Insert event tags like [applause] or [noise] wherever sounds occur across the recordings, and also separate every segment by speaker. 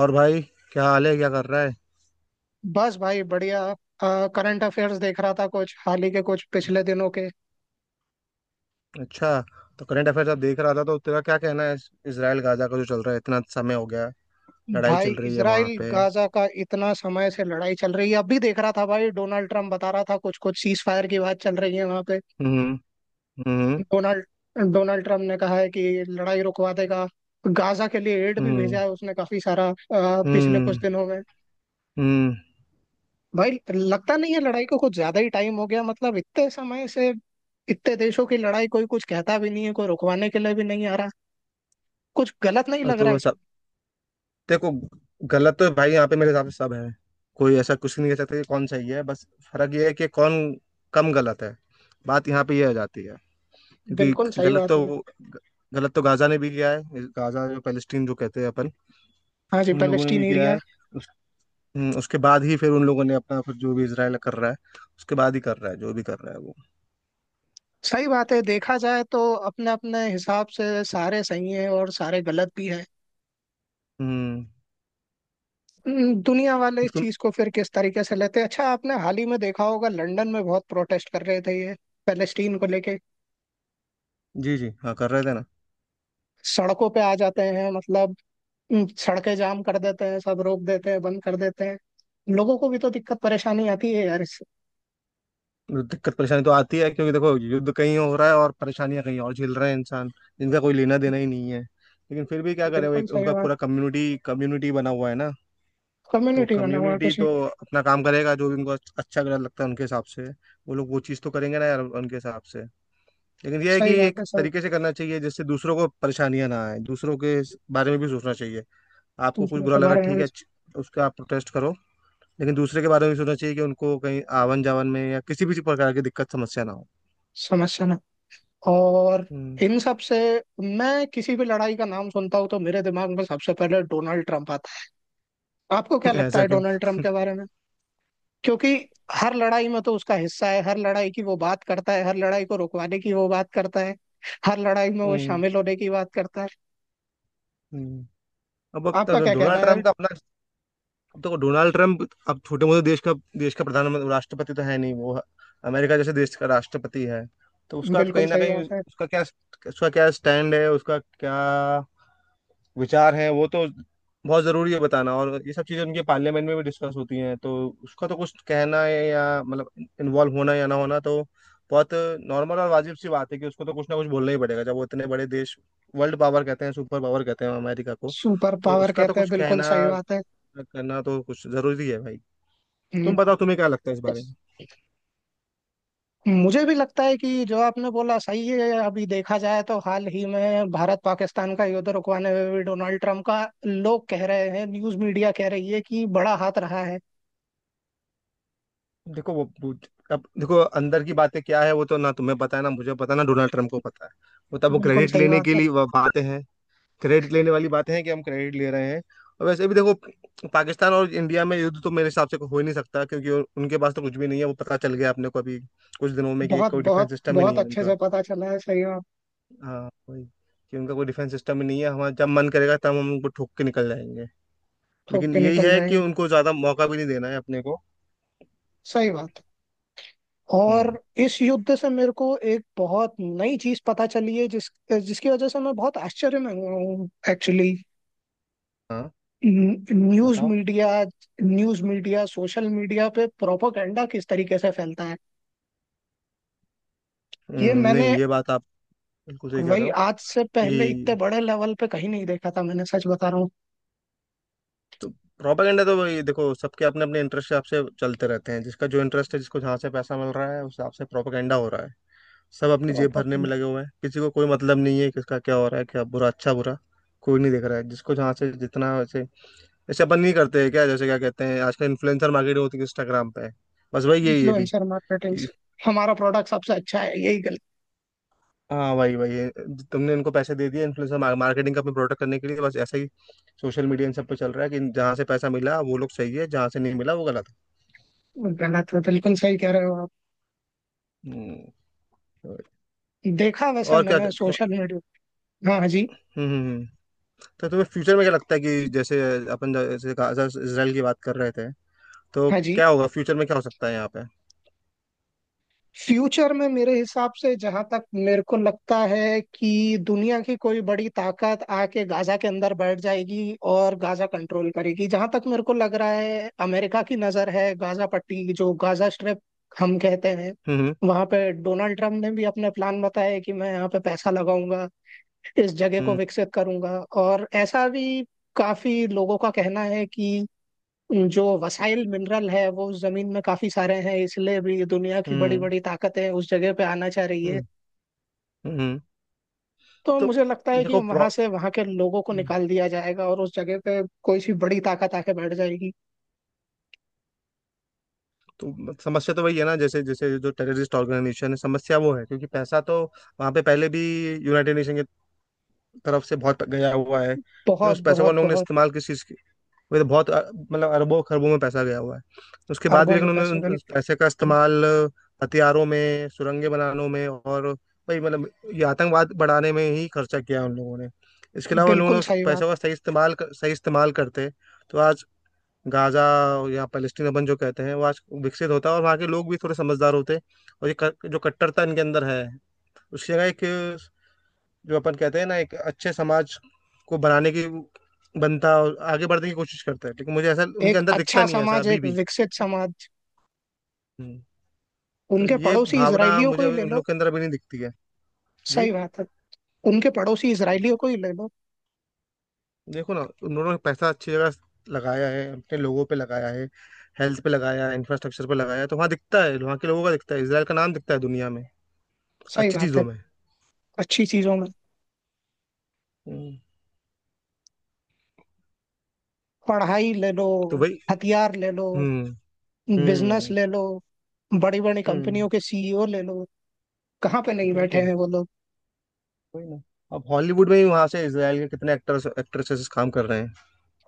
Speaker 1: और भाई क्या हाल है, क्या कर रहा है?
Speaker 2: बस भाई बढ़िया। करंट अफेयर्स देख रहा था कुछ हाल ही के कुछ पिछले दिनों के।
Speaker 1: अच्छा, तो करंट अफेयर आप देख रहा था? तो तेरा क्या कहना है इसराइल गाजा का जो चल रहा है, इतना समय हो गया, लड़ाई
Speaker 2: भाई
Speaker 1: चल रही है वहां
Speaker 2: इसराइल
Speaker 1: पे।
Speaker 2: गाजा का इतना समय से लड़ाई चल रही है, अब भी देख रहा था। भाई डोनाल्ड ट्रम्प बता रहा था कुछ कुछ सीज फायर की बात चल रही है वहां पे।
Speaker 1: हम्म। हम्म।
Speaker 2: डोनाल्ड डोनाल्ड ट्रम्प ने कहा है कि लड़ाई रुकवा देगा। गाजा के लिए एड भी भेजा
Speaker 1: हम्म।
Speaker 2: है उसने काफी सारा पिछले कुछ
Speaker 1: हम्म।
Speaker 2: दिनों में।
Speaker 1: हम्म।
Speaker 2: भाई लगता नहीं है, लड़ाई को कुछ ज्यादा ही टाइम हो गया, मतलब इतने समय से इतने देशों की लड़ाई कोई कुछ कहता भी नहीं है, कोई रुकवाने के लिए भी नहीं आ रहा। कुछ गलत नहीं
Speaker 1: और
Speaker 2: लग
Speaker 1: तो
Speaker 2: रहा है।
Speaker 1: वो सब देखो, गलत तो भाई यहाँ पे मेरे हिसाब से सब है। कोई ऐसा कुछ नहीं कह सकता कि कौन सही है, बस फर्क ये है कि कौन कम गलत है। बात यहाँ पे ये आ जाती है,
Speaker 2: बिल्कुल
Speaker 1: क्योंकि
Speaker 2: सही
Speaker 1: गलत
Speaker 2: बात है।
Speaker 1: तो गलत तो गाजा ने भी किया है। गाजा, जो पैलेस्टीन जो कहते हैं अपन,
Speaker 2: हाँ जी,
Speaker 1: उन लोगों ने
Speaker 2: पैलेस्टीन
Speaker 1: भी किया है।
Speaker 2: एरिया।
Speaker 1: उसके बाद ही फिर उन लोगों ने अपना, फिर जो भी इसराइल कर रहा है उसके बाद ही कर रहा है, जो भी कर रहा है वो।
Speaker 2: सही बात है, देखा जाए तो अपने अपने हिसाब से सारे सही हैं और सारे गलत भी हैं।
Speaker 1: हम्म।
Speaker 2: दुनिया वाले इस
Speaker 1: तुम।
Speaker 2: चीज को फिर किस तरीके से लेते हैं। अच्छा, आपने हाल ही में देखा होगा लंदन में बहुत प्रोटेस्ट कर रहे थे ये पैलेस्टीन को लेके।
Speaker 1: जी जी, हाँ कर रहे थे ना।
Speaker 2: सड़कों पे आ जाते हैं मतलब। सड़कें जाम कर देते हैं, सब रोक देते हैं, बंद कर देते हैं। लोगों को भी तो दिक्कत परेशानी आती है यार इससे।
Speaker 1: दिक्कत परेशानी तो आती है, क्योंकि देखो युद्ध कहीं हो रहा है और परेशानियां कहीं और झेल रहे हैं इंसान, जिनका कोई लेना देना ही नहीं है। लेकिन फिर भी क्या करें, वो
Speaker 2: बिल्कुल
Speaker 1: एक
Speaker 2: सही
Speaker 1: उनका
Speaker 2: बात।
Speaker 1: पूरा कम्युनिटी कम्युनिटी बना हुआ है ना। तो
Speaker 2: कम्युनिटी बना हुआ है
Speaker 1: कम्युनिटी
Speaker 2: किसी।
Speaker 1: तो अपना काम करेगा, जो भी उनको अच्छा गलत लगता है उनके हिसाब से वो लोग वो चीज़ तो करेंगे ना यार उनके हिसाब से। लेकिन ये है कि
Speaker 2: सही बात
Speaker 1: एक
Speaker 2: है सर।
Speaker 1: तरीके से करना चाहिए, जिससे दूसरों को परेशानियां ना आए, दूसरों के बारे में भी सोचना चाहिए। आपको कुछ
Speaker 2: दूसरों
Speaker 1: बुरा
Speaker 2: के
Speaker 1: लगा,
Speaker 2: बारे
Speaker 1: ठीक
Speaker 2: में
Speaker 1: है, उसका आप प्रोटेस्ट करो। लेकिन दूसरे के बारे में भी सोचना चाहिए कि उनको कहीं आवन जावन में या किसी भी प्रकार की दिक्कत समस्या ना हो।
Speaker 2: समझना। और
Speaker 1: हम्म।
Speaker 2: इन सब से मैं किसी भी लड़ाई का नाम सुनता हूँ तो मेरे दिमाग में सबसे पहले डोनाल्ड ट्रंप आता है। आपको क्या
Speaker 1: [laughs]
Speaker 2: लगता
Speaker 1: ऐसा
Speaker 2: है
Speaker 1: क्यों?
Speaker 2: डोनाल्ड ट्रंप के बारे में? क्योंकि हर लड़ाई में तो उसका हिस्सा है, हर लड़ाई की वो बात करता है, हर लड़ाई को रुकवाने की वो बात करता है, हर लड़ाई में वो
Speaker 1: हम्म।
Speaker 2: शामिल होने की बात करता है।
Speaker 1: हम्म। अब
Speaker 2: आपका
Speaker 1: तो
Speaker 2: क्या कहना
Speaker 1: डोनाल्ड
Speaker 2: है?
Speaker 1: ट्रम्प का अपना, अब देखो डोनाल्ड ट्रम्प, अब छोटे मोटे देश का प्रधानमंत्री राष्ट्रपति तो है नहीं वो। अमेरिका जैसे देश का राष्ट्रपति है। तो उसका तो
Speaker 2: बिल्कुल
Speaker 1: कहीं ना
Speaker 2: सही
Speaker 1: कहीं
Speaker 2: बात है।
Speaker 1: उसका क्या, उसका क्या स्टैंड है, उसका क्या विचार है वो तो बहुत जरूरी है बताना। और ये सब चीजें उनके पार्लियामेंट में भी डिस्कस होती हैं। तो उसका तो कुछ कहना है या मतलब इन्वॉल्व होना या ना होना तो बहुत नॉर्मल और वाजिब सी बात है कि उसको तो कुछ ना कुछ बोलना ही पड़ेगा, जब वो इतने बड़े देश, वर्ल्ड पावर कहते हैं, सुपर पावर कहते हैं अमेरिका को।
Speaker 2: सुपर
Speaker 1: तो
Speaker 2: पावर
Speaker 1: उसका तो
Speaker 2: कहते हैं,
Speaker 1: कुछ
Speaker 2: बिल्कुल
Speaker 1: कहना
Speaker 2: सही बात है।
Speaker 1: करना तो कुछ जरूरी है भाई।
Speaker 2: हम्म।
Speaker 1: तुम बताओ, तुम्हें क्या लगता है इस बारे में?
Speaker 2: मुझे भी लगता है कि जो आपने बोला सही है। अभी देखा जाए तो हाल ही में भारत पाकिस्तान का युद्ध रुकवाने में भी डोनाल्ड ट्रम्प का लोग कह रहे हैं, न्यूज मीडिया कह रही है कि बड़ा हाथ रहा है।
Speaker 1: देखो अब देखो अंदर की बातें क्या है, वो तो ना तुम्हें पता है, ना मुझे पता है, ना डोनाल्ड ट्रम्प को पता है। वो तब वो
Speaker 2: बिल्कुल
Speaker 1: क्रेडिट
Speaker 2: सही
Speaker 1: लेने
Speaker 2: बात
Speaker 1: के
Speaker 2: है।
Speaker 1: लिए वो बातें हैं, क्रेडिट लेने वाली बातें हैं कि हम क्रेडिट ले रहे हैं। और वैसे भी देखो, पाकिस्तान और इंडिया में युद्ध तो मेरे हिसाब से हो ही नहीं सकता, क्योंकि उनके पास तो कुछ भी नहीं है, वो पता चल गया अपने को अभी कुछ दिनों में कि
Speaker 2: बहुत
Speaker 1: कोई
Speaker 2: बहुत
Speaker 1: डिफेंस सिस्टम ही नहीं
Speaker 2: बहुत
Speaker 1: है
Speaker 2: अच्छे
Speaker 1: उनका।
Speaker 2: से पता चला है, सही बात।
Speaker 1: हाँ वही, कि उनका कोई डिफेंस सिस्टम ही नहीं है, हमारा जब मन करेगा तब हम उनको ठोक के निकल जाएंगे।
Speaker 2: थोप
Speaker 1: लेकिन
Speaker 2: के
Speaker 1: यही
Speaker 2: निकल
Speaker 1: है कि
Speaker 2: जाएंगे,
Speaker 1: उनको ज्यादा मौका भी नहीं देना है अपने को।
Speaker 2: सही बात।
Speaker 1: हम्म।
Speaker 2: और इस युद्ध से मेरे को एक बहुत नई चीज पता चली है जिसकी वजह से मैं बहुत आश्चर्य में हुआ हूँ एक्चुअली।
Speaker 1: हाँ
Speaker 2: न्यूज
Speaker 1: बताओ।
Speaker 2: Media. News media social media पे प्रोपोगंडा किस तरीके से फैलता है
Speaker 1: हम्म,
Speaker 2: ये मैंने,
Speaker 1: नहीं ये बात आप बिल्कुल सही कह रहे
Speaker 2: वही
Speaker 1: हो
Speaker 2: आज से पहले इतने
Speaker 1: कि।
Speaker 2: बड़े लेवल पे कहीं नहीं देखा था मैंने, सच बता रहा हूँ।
Speaker 1: तो प्रोपेगेंडा तो वही देखो, सबके अपने अपने इंटरेस्ट के हिसाब से चलते रहते हैं। जिसका जो इंटरेस्ट है, जिसको जहाँ से पैसा मिल रहा है, उस हिसाब से प्रोपेगेंडा हो रहा है। सब अपनी जेब भरने में
Speaker 2: प्रोपोगंडा।
Speaker 1: लगे हुए हैं, किसी को कोई मतलब नहीं है किसका क्या हो रहा है, क्या बुरा अच्छा बुरा कोई नहीं देख रहा है, जिसको जहाँ से जितना। वैसे जैसे अपन नहीं करते हैं क्या, जैसे क्या कहते हैं आजकल, इन्फ्लुएंसर मार्केटिंग होती है इंस्टाग्राम पे, बस वही यही है भी।
Speaker 2: इन्फ्लुएंसर मार्केटिंग से हमारा प्रोडक्ट सबसे अच्छा है, यही गलत।
Speaker 1: हाँ वही वही, तुमने इनको पैसे दे दिए इन्फ्लुएंसर मार्केटिंग का अपने प्रोडक्ट करने के लिए, बस ऐसा ही सोशल मीडिया इन सब पे चल रहा है कि जहाँ से पैसा मिला वो लोग सही है, जहाँ से नहीं मिला वो गलत है।
Speaker 2: गलत है, बिल्कुल सही कह रहे हो आप।
Speaker 1: हम्म,
Speaker 2: देखा वैसे
Speaker 1: और क्या।
Speaker 2: मैंने
Speaker 1: हम्म।
Speaker 2: Social media. हाँ, हाँ जी
Speaker 1: हम्म। हम्म। तो तुम्हें फ्यूचर में क्या लगता है कि जैसे अपन जैसे गाजा इसराइल की बात कर रहे थे, तो
Speaker 2: हाँ जी।
Speaker 1: क्या होगा फ्यूचर में, क्या हो सकता है यहाँ पे?
Speaker 2: फ्यूचर में मेरे हिसाब से, जहां तक मेरे को लगता है कि दुनिया की कोई बड़ी ताकत आके गाजा के अंदर बैठ जाएगी और गाजा कंट्रोल करेगी। जहां तक मेरे को लग रहा है अमेरिका की नजर है, गाजा पट्टी जो गाजा स्ट्रिप हम कहते हैं,
Speaker 1: हम्म
Speaker 2: वहां पे डोनाल्ड ट्रम्प ने भी अपने प्लान बताए कि मैं यहाँ पे पैसा लगाऊंगा, इस जगह को
Speaker 1: हम्म।
Speaker 2: विकसित करूंगा। और ऐसा भी काफी लोगों का कहना है कि जो वसाइल मिनरल है वो उस जमीन में काफी सारे हैं, इसलिए भी दुनिया की बड़ी
Speaker 1: हम्म।
Speaker 2: बड़ी ताकतें उस जगह पे आना चाह रही
Speaker 1: हम्म।
Speaker 2: है।
Speaker 1: हम्म। हम्म। हम्म।
Speaker 2: तो
Speaker 1: तो
Speaker 2: मुझे लगता है कि
Speaker 1: देखो
Speaker 2: वहां से वहां के लोगों को
Speaker 1: हम्म।
Speaker 2: निकाल दिया जाएगा और उस जगह पे कोई सी बड़ी ताकत आके बैठ जाएगी।
Speaker 1: तो समस्या तो वही है ना, जैसे जैसे जो टेररिस्ट ऑर्गेनाइजेशन है, समस्या वो है। क्योंकि पैसा तो वहां पे पहले भी यूनाइटेड नेशन के तरफ से बहुत गया हुआ है, लेकिन
Speaker 2: बहुत
Speaker 1: उस पैसों को
Speaker 2: बहुत
Speaker 1: लोगों ने
Speaker 2: बहुत।
Speaker 1: इस्तेमाल किस चीज़ की। वो तो बहुत मतलब अरबों खरबों में पैसा गया हुआ है उसके बाद भी।
Speaker 2: अरबों में
Speaker 1: लेकिन उन्होंने
Speaker 2: पैसे बने।
Speaker 1: उस पैसे का इस्तेमाल हथियारों में सुरंगें बनाने में और वही मतलब ये आतंकवाद बढ़ाने में ही खर्चा किया उन लोगों ने। इसके अलावा उन लोगों ने
Speaker 2: बिल्कुल
Speaker 1: उस
Speaker 2: सही बात।
Speaker 1: पैसों का सही सही इस्तेमाल करते तो आज गाजा या पैलेस्टीन अपन जो कहते हैं, वो आज विकसित होता और वहाँ के लोग भी थोड़े समझदार होते। और जो कट्टरता इनके अंदर है, उसकी जगह एक, जो अपन कहते हैं ना एक अच्छे समाज को बनाने की बनता और आगे बढ़ने की कोशिश करता। है लेकिन मुझे ऐसा उनके
Speaker 2: एक
Speaker 1: अंदर
Speaker 2: अच्छा
Speaker 1: दिखता नहीं है, ऐसा
Speaker 2: समाज,
Speaker 1: अभी
Speaker 2: एक
Speaker 1: भी।
Speaker 2: विकसित समाज।
Speaker 1: हम्म, तो
Speaker 2: उनके
Speaker 1: ये
Speaker 2: पड़ोसी
Speaker 1: भावना
Speaker 2: इसराइलियों को
Speaker 1: मुझे
Speaker 2: ही
Speaker 1: अभी
Speaker 2: ले
Speaker 1: उन
Speaker 2: लो।
Speaker 1: लोग के अंदर अभी नहीं दिखती है। जी,
Speaker 2: सही बात है। उनके पड़ोसी इसराइलियों को ही ले लो।
Speaker 1: देखो ना उन लोगों ने पैसा अच्छी जगह लगाया है, अपने लोगों पे लगाया है, हेल्थ पे लगाया है, इंफ्रास्ट्रक्चर पे लगाया है, तो वहाँ दिखता है, वहाँ के लोगों का दिखता है, इसराइल का नाम दिखता है दुनिया में
Speaker 2: सही
Speaker 1: अच्छी
Speaker 2: बात
Speaker 1: चीजों
Speaker 2: है।
Speaker 1: में।
Speaker 2: अच्छी चीजों में,
Speaker 1: हम्म,
Speaker 2: पढ़ाई ले लो,
Speaker 1: तो भाई।
Speaker 2: हथियार ले लो,
Speaker 1: हम्म।
Speaker 2: बिजनेस
Speaker 1: हम्म।
Speaker 2: ले लो, बड़ी बड़ी
Speaker 1: हम्म।
Speaker 2: कंपनियों के सीईओ ले लो, कहाँ पे नहीं बैठे
Speaker 1: बिल्कुल,
Speaker 2: हैं वो लोग।
Speaker 1: वही ना, अब हॉलीवुड में भी वहां से इसराइल के कितने एक्टर्स एक्ट्रेसेस काम कर रहे हैं।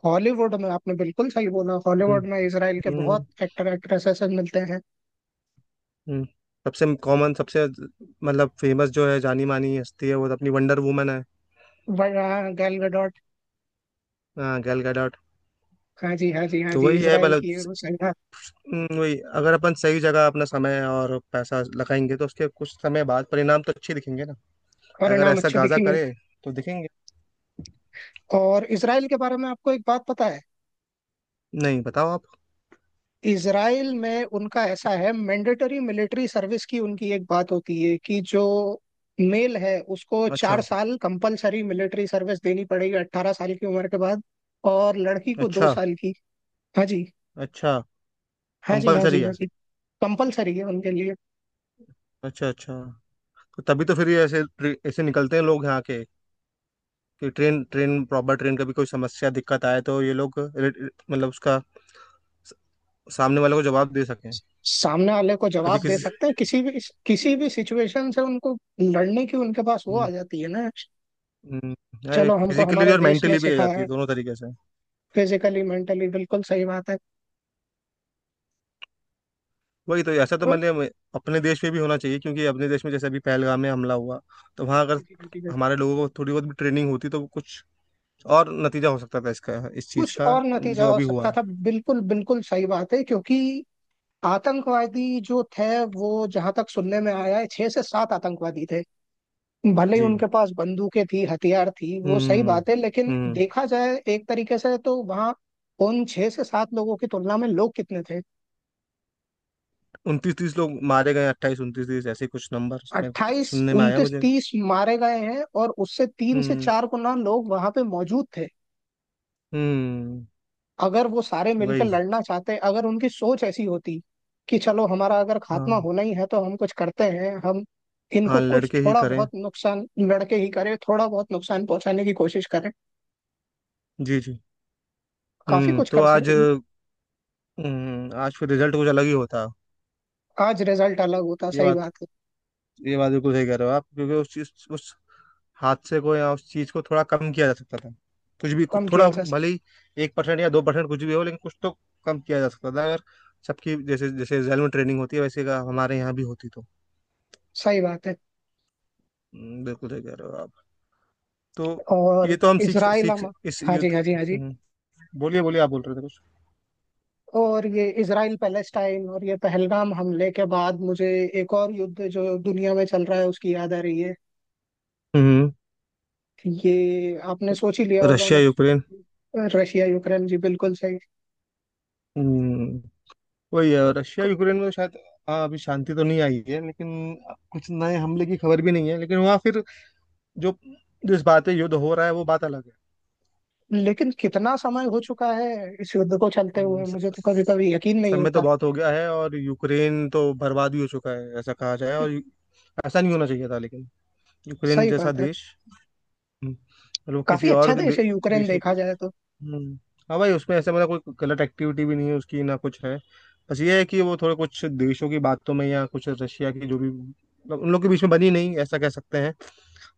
Speaker 2: हॉलीवुड में आपने बिल्कुल सही बोला,
Speaker 1: हम्म।
Speaker 2: हॉलीवुड में इसराइल के बहुत
Speaker 1: हम्म।
Speaker 2: एक्टर एक्ट्रेसेस मिलते हैं।
Speaker 1: हम्म। सबसे कॉमन, सबसे मतलब फेमस जो है, जानी मानी हस्ती है, वो तो अपनी वंडर वुमन है।
Speaker 2: गैल गडोट।
Speaker 1: हाँ गैल गैडोट।
Speaker 2: हाँ जी हाँ जी हाँ
Speaker 1: तो
Speaker 2: जी,
Speaker 1: वही है,
Speaker 2: इसराइल
Speaker 1: मतलब
Speaker 2: की है वो, सही है।
Speaker 1: वही अगर अपन सही जगह अपना समय और पैसा लगाएंगे, तो उसके कुछ समय बाद परिणाम तो अच्छे दिखेंगे ना।
Speaker 2: और
Speaker 1: अगर
Speaker 2: नाम
Speaker 1: ऐसा
Speaker 2: अच्छे
Speaker 1: गाजा
Speaker 2: दिखेंगे।
Speaker 1: करे तो दिखेंगे।
Speaker 2: और इसराइल के बारे में आपको एक बात पता है?
Speaker 1: नहीं बताओ आप।
Speaker 2: इसराइल में उनका ऐसा है, मैंडेटरी मिलिट्री सर्विस की उनकी एक बात होती है कि जो मेल है उसको चार
Speaker 1: अच्छा।
Speaker 2: साल कंपलसरी मिलिट्री सर्विस देनी पड़ेगी 18 साल की उम्र के बाद, और लड़की को दो
Speaker 1: अच्छा।
Speaker 2: साल की। हाँ जी।
Speaker 1: अच्छा।
Speaker 2: हाँ जी हाँ जी
Speaker 1: कंपलसरी
Speaker 2: हाँ
Speaker 1: है?
Speaker 2: जी। कंपलसरी है उनके लिए।
Speaker 1: अच्छा अच्छा। तो तभी तो फिर ये ऐसे ऐसे निकलते हैं लोग यहाँ के, कि ट्रेन ट्रेन प्रॉपर ट्रेन का भी कोई समस्या दिक्कत आए तो ये लोग रि- रि- मतलब उसका स- सामने वाले को जवाब दे सकें।
Speaker 2: सामने वाले को
Speaker 1: कभी
Speaker 2: जवाब दे
Speaker 1: किसी,
Speaker 2: सकते हैं, किसी भी सिचुएशन से उनको लड़ने की उनके पास वो आ जाती है ना। चलो, हमको
Speaker 1: फिजिकली भी
Speaker 2: हमारे
Speaker 1: और
Speaker 2: देश ने
Speaker 1: मेंटली भी आ
Speaker 2: सिखाया
Speaker 1: जाती
Speaker 2: है।
Speaker 1: है दोनों तरीके से।
Speaker 2: फिजिकली मेंटली, बिल्कुल सही बात
Speaker 1: वही तो ऐसा तो मैंने अपने देश में भी होना चाहिए। क्योंकि अपने देश में जैसे अभी पहलगाम में हमला हुआ, तो वहाँ अगर
Speaker 2: है।
Speaker 1: हमारे लोगों को थोड़ी बहुत भी ट्रेनिंग होती तो कुछ और नतीजा हो सकता था इसका, इस चीज़
Speaker 2: कुछ
Speaker 1: का
Speaker 2: और नतीजा
Speaker 1: जो
Speaker 2: हो
Speaker 1: अभी
Speaker 2: सकता
Speaker 1: हुआ।
Speaker 2: था, बिल्कुल बिल्कुल सही बात है, क्योंकि आतंकवादी जो थे वो जहां तक सुनने में आया है छह से सात आतंकवादी थे। भले ही
Speaker 1: जी।
Speaker 2: उनके पास बंदूकें थी, हथियार थी, वो सही
Speaker 1: हम्म।
Speaker 2: बात है, लेकिन
Speaker 1: हम्म।
Speaker 2: देखा जाए एक तरीके से तो वहां उन छह से सात लोगों की तुलना में लोग कितने थे।
Speaker 1: उनतीस तीस लोग मारे गए, अट्ठाईस उनतीस तीस ऐसे कुछ नंबर मेरे को
Speaker 2: 28
Speaker 1: सुनने में आया
Speaker 2: 29
Speaker 1: मुझे।
Speaker 2: 30 मारे गए हैं, और उससे तीन से
Speaker 1: हम्म।
Speaker 2: चार गुना लोग वहां पे मौजूद थे।
Speaker 1: हम्म।
Speaker 2: अगर वो सारे मिलकर
Speaker 1: वही,
Speaker 2: लड़ना चाहते, अगर उनकी सोच ऐसी होती कि चलो हमारा अगर
Speaker 1: हाँ।
Speaker 2: खात्मा होना ही है तो हम कुछ करते हैं, हम इनको
Speaker 1: हाँ
Speaker 2: कुछ
Speaker 1: लड़के ही
Speaker 2: थोड़ा
Speaker 1: करें।
Speaker 2: बहुत नुकसान लड़के ही करें, थोड़ा बहुत नुकसान पहुंचाने की कोशिश करें,
Speaker 1: जी जी।
Speaker 2: काफी
Speaker 1: हम्म,
Speaker 2: कुछ
Speaker 1: तो
Speaker 2: कर
Speaker 1: आज,
Speaker 2: सकते हैं।
Speaker 1: आज फिर रिजल्ट कुछ अलग ही होता।
Speaker 2: आज रिजल्ट अलग होता,
Speaker 1: ये
Speaker 2: सही
Speaker 1: बात,
Speaker 2: बात है।
Speaker 1: ये बात बिल्कुल सही कह रहे हो आप, क्योंकि उस चीज, उस हादसे को या उस चीज को थोड़ा कम किया जा सकता था। कुछ भी
Speaker 2: कम किया
Speaker 1: थोड़ा
Speaker 2: जा सकता,
Speaker 1: भले ही 1 परसेंट या 2 परसेंट कुछ भी हो, लेकिन कुछ तो कम किया जा सकता था, अगर सबकी जैसे जैसे जेल में ट्रेनिंग होती है वैसे का हमारे यहाँ भी होती तो।
Speaker 2: सही बात है।
Speaker 1: बिल्कुल सही कह रहे हो आप। तो
Speaker 2: और
Speaker 1: ये तो हम सीख
Speaker 2: इसराइल
Speaker 1: सीख
Speaker 2: हम,
Speaker 1: इस
Speaker 2: हाँ
Speaker 1: युद्ध।
Speaker 2: जी हाँ जी हाँ जी।
Speaker 1: हम्म। हम्म। बोलिए बोलिए, आप बोल रहे थे कुछ।
Speaker 2: और ये इसराइल पैलेस्टाइन और ये पहलगाम हमले के बाद मुझे एक और युद्ध जो दुनिया में चल रहा है उसकी याद आ रही है।
Speaker 1: हम्म।
Speaker 2: ये आपने सोच ही लिया होगा,
Speaker 1: रशिया
Speaker 2: मैं,
Speaker 1: यूक्रेन।
Speaker 2: रशिया यूक्रेन जी बिल्कुल सही।
Speaker 1: हम्म, वही है, रशिया
Speaker 2: क-
Speaker 1: यूक्रेन में शायद, हाँ अभी शांति तो नहीं आई है, लेकिन कुछ नए हमले की खबर भी नहीं है। लेकिन वहाँ फिर जो जिस बात है युद्ध हो रहा है वो बात अलग है।
Speaker 2: लेकिन कितना समय हो चुका है इस युद्ध को चलते
Speaker 1: हम्म,
Speaker 2: हुए,
Speaker 1: स-
Speaker 2: मुझे तो कभी
Speaker 1: स-
Speaker 2: कभी यकीन नहीं
Speaker 1: सब में तो
Speaker 2: होता।
Speaker 1: बहुत हो गया है और यूक्रेन तो बर्बाद भी हो चुका है ऐसा कहा जाए। और ऐसा नहीं होना चाहिए था, लेकिन यूक्रेन
Speaker 2: सही
Speaker 1: जैसा
Speaker 2: बात है।
Speaker 1: देश, मतलब
Speaker 2: काफी
Speaker 1: किसी और
Speaker 2: अच्छा देश है यूक्रेन,
Speaker 1: देश।
Speaker 2: देखा जाए तो।
Speaker 1: हम्म, हाँ भाई उसमें ऐसा मतलब कोई गलत एक्टिविटी भी नहीं है उसकी ना कुछ है। बस ये है कि वो थोड़े कुछ देशों की बातों में या कुछ रशिया की जो भी मतलब उन लोग के बीच में बनी नहीं ऐसा कह सकते हैं।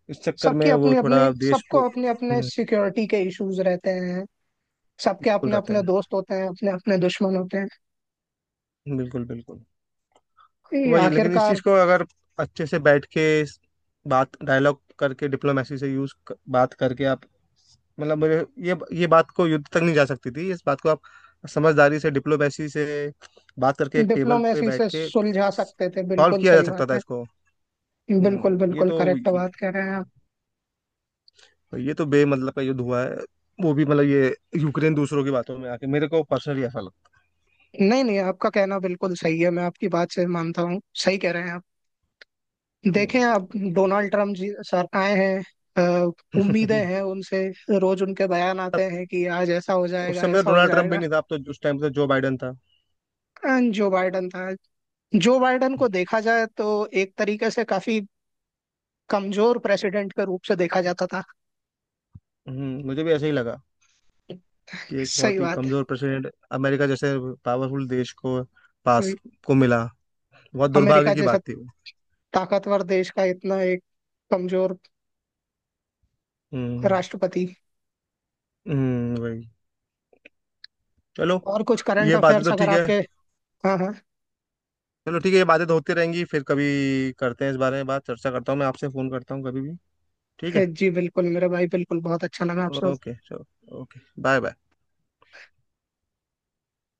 Speaker 1: इस चक्कर
Speaker 2: सबकी
Speaker 1: में वो
Speaker 2: अपनी अपनी,
Speaker 1: थोड़ा देश
Speaker 2: सबको अपने अपने
Speaker 1: हम्म,
Speaker 2: सिक्योरिटी के इश्यूज रहते हैं, सबके
Speaker 1: बिल्कुल
Speaker 2: अपने
Speaker 1: रहते
Speaker 2: अपने
Speaker 1: हैं।
Speaker 2: दोस्त होते हैं अपने अपने दुश्मन होते हैं।
Speaker 1: बिल्कुल बिल्कुल।
Speaker 2: ये
Speaker 1: वही, लेकिन इस
Speaker 2: आखिरकार
Speaker 1: चीज को अगर अच्छे से बैठ के इस बात डायलॉग करके डिप्लोमेसी से यूज बात करके आप, मतलब मुझे ये बात को युद्ध तक नहीं जा सकती थी, इस बात को आप समझदारी से डिप्लोमेसी से बात करके एक टेबल पे
Speaker 2: डिप्लोमेसी
Speaker 1: बैठ
Speaker 2: से
Speaker 1: के
Speaker 2: सुलझा सकते थे,
Speaker 1: सॉल्व
Speaker 2: बिल्कुल
Speaker 1: किया जा
Speaker 2: सही
Speaker 1: सकता
Speaker 2: बात
Speaker 1: था
Speaker 2: है।
Speaker 1: इसको।
Speaker 2: बिल्कुल
Speaker 1: ये
Speaker 2: बिल्कुल
Speaker 1: तो,
Speaker 2: करेक्ट बात कह रहे हैं आप।
Speaker 1: ये तो बेमतलब का युद्ध हुआ है, वो भी मतलब ये यूक्रेन दूसरों की बातों में आके, मेरे को पर्सनली ऐसा लगता
Speaker 2: नहीं नहीं, आपका कहना बिल्कुल सही है, मैं आपकी बात से मानता हूँ, सही कह रहे हैं आप।
Speaker 1: है।
Speaker 2: देखें, अब डोनाल्ड ट्रम्प जी सर आए हैं। अ, उम्मीदें
Speaker 1: हम्म। [laughs]
Speaker 2: हैं उनसे, रोज उनके बयान आते
Speaker 1: तब
Speaker 2: हैं कि आज ऐसा हो
Speaker 1: उस
Speaker 2: जाएगा,
Speaker 1: समय
Speaker 2: ऐसा हो
Speaker 1: डोनाल्ड ट्रम्प भी
Speaker 2: जाएगा।
Speaker 1: नहीं था, अब तो उस टाइम तो जो बाइडन था।
Speaker 2: जो बाइडन था। जो बाइडन को देखा जाए तो एक तरीके से काफी कमजोर प्रेसिडेंट के रूप से देखा जाता था।
Speaker 1: मुझे भी ऐसा ही लगा कि एक
Speaker 2: सही
Speaker 1: बहुत ही
Speaker 2: बात
Speaker 1: कमजोर
Speaker 2: है।
Speaker 1: प्रेसिडेंट अमेरिका जैसे पावरफुल देश को पास
Speaker 2: कोई,
Speaker 1: को मिला, बहुत
Speaker 2: अमेरिका
Speaker 1: दुर्भाग्य की
Speaker 2: जैसा
Speaker 1: बात थी वो।
Speaker 2: ताकतवर देश का इतना एक कमजोर
Speaker 1: हम्म।
Speaker 2: राष्ट्रपति।
Speaker 1: वही। चलो
Speaker 2: और कुछ करंट
Speaker 1: ये बातें
Speaker 2: अफेयर्स
Speaker 1: तो
Speaker 2: अगर
Speaker 1: ठीक है,
Speaker 2: आपके, हाँ हाँ।
Speaker 1: चलो ठीक है, ये बातें तो होती रहेंगी, फिर कभी करते हैं इस बारे में बात, चर्चा करता हूँ मैं आपसे, फोन करता हूँ कभी भी। ठीक है,
Speaker 2: [laughs] जी बिल्कुल मेरा भाई, बिल्कुल बहुत अच्छा लगा आपसे।
Speaker 1: ओके चलो, ओके बाय बाय।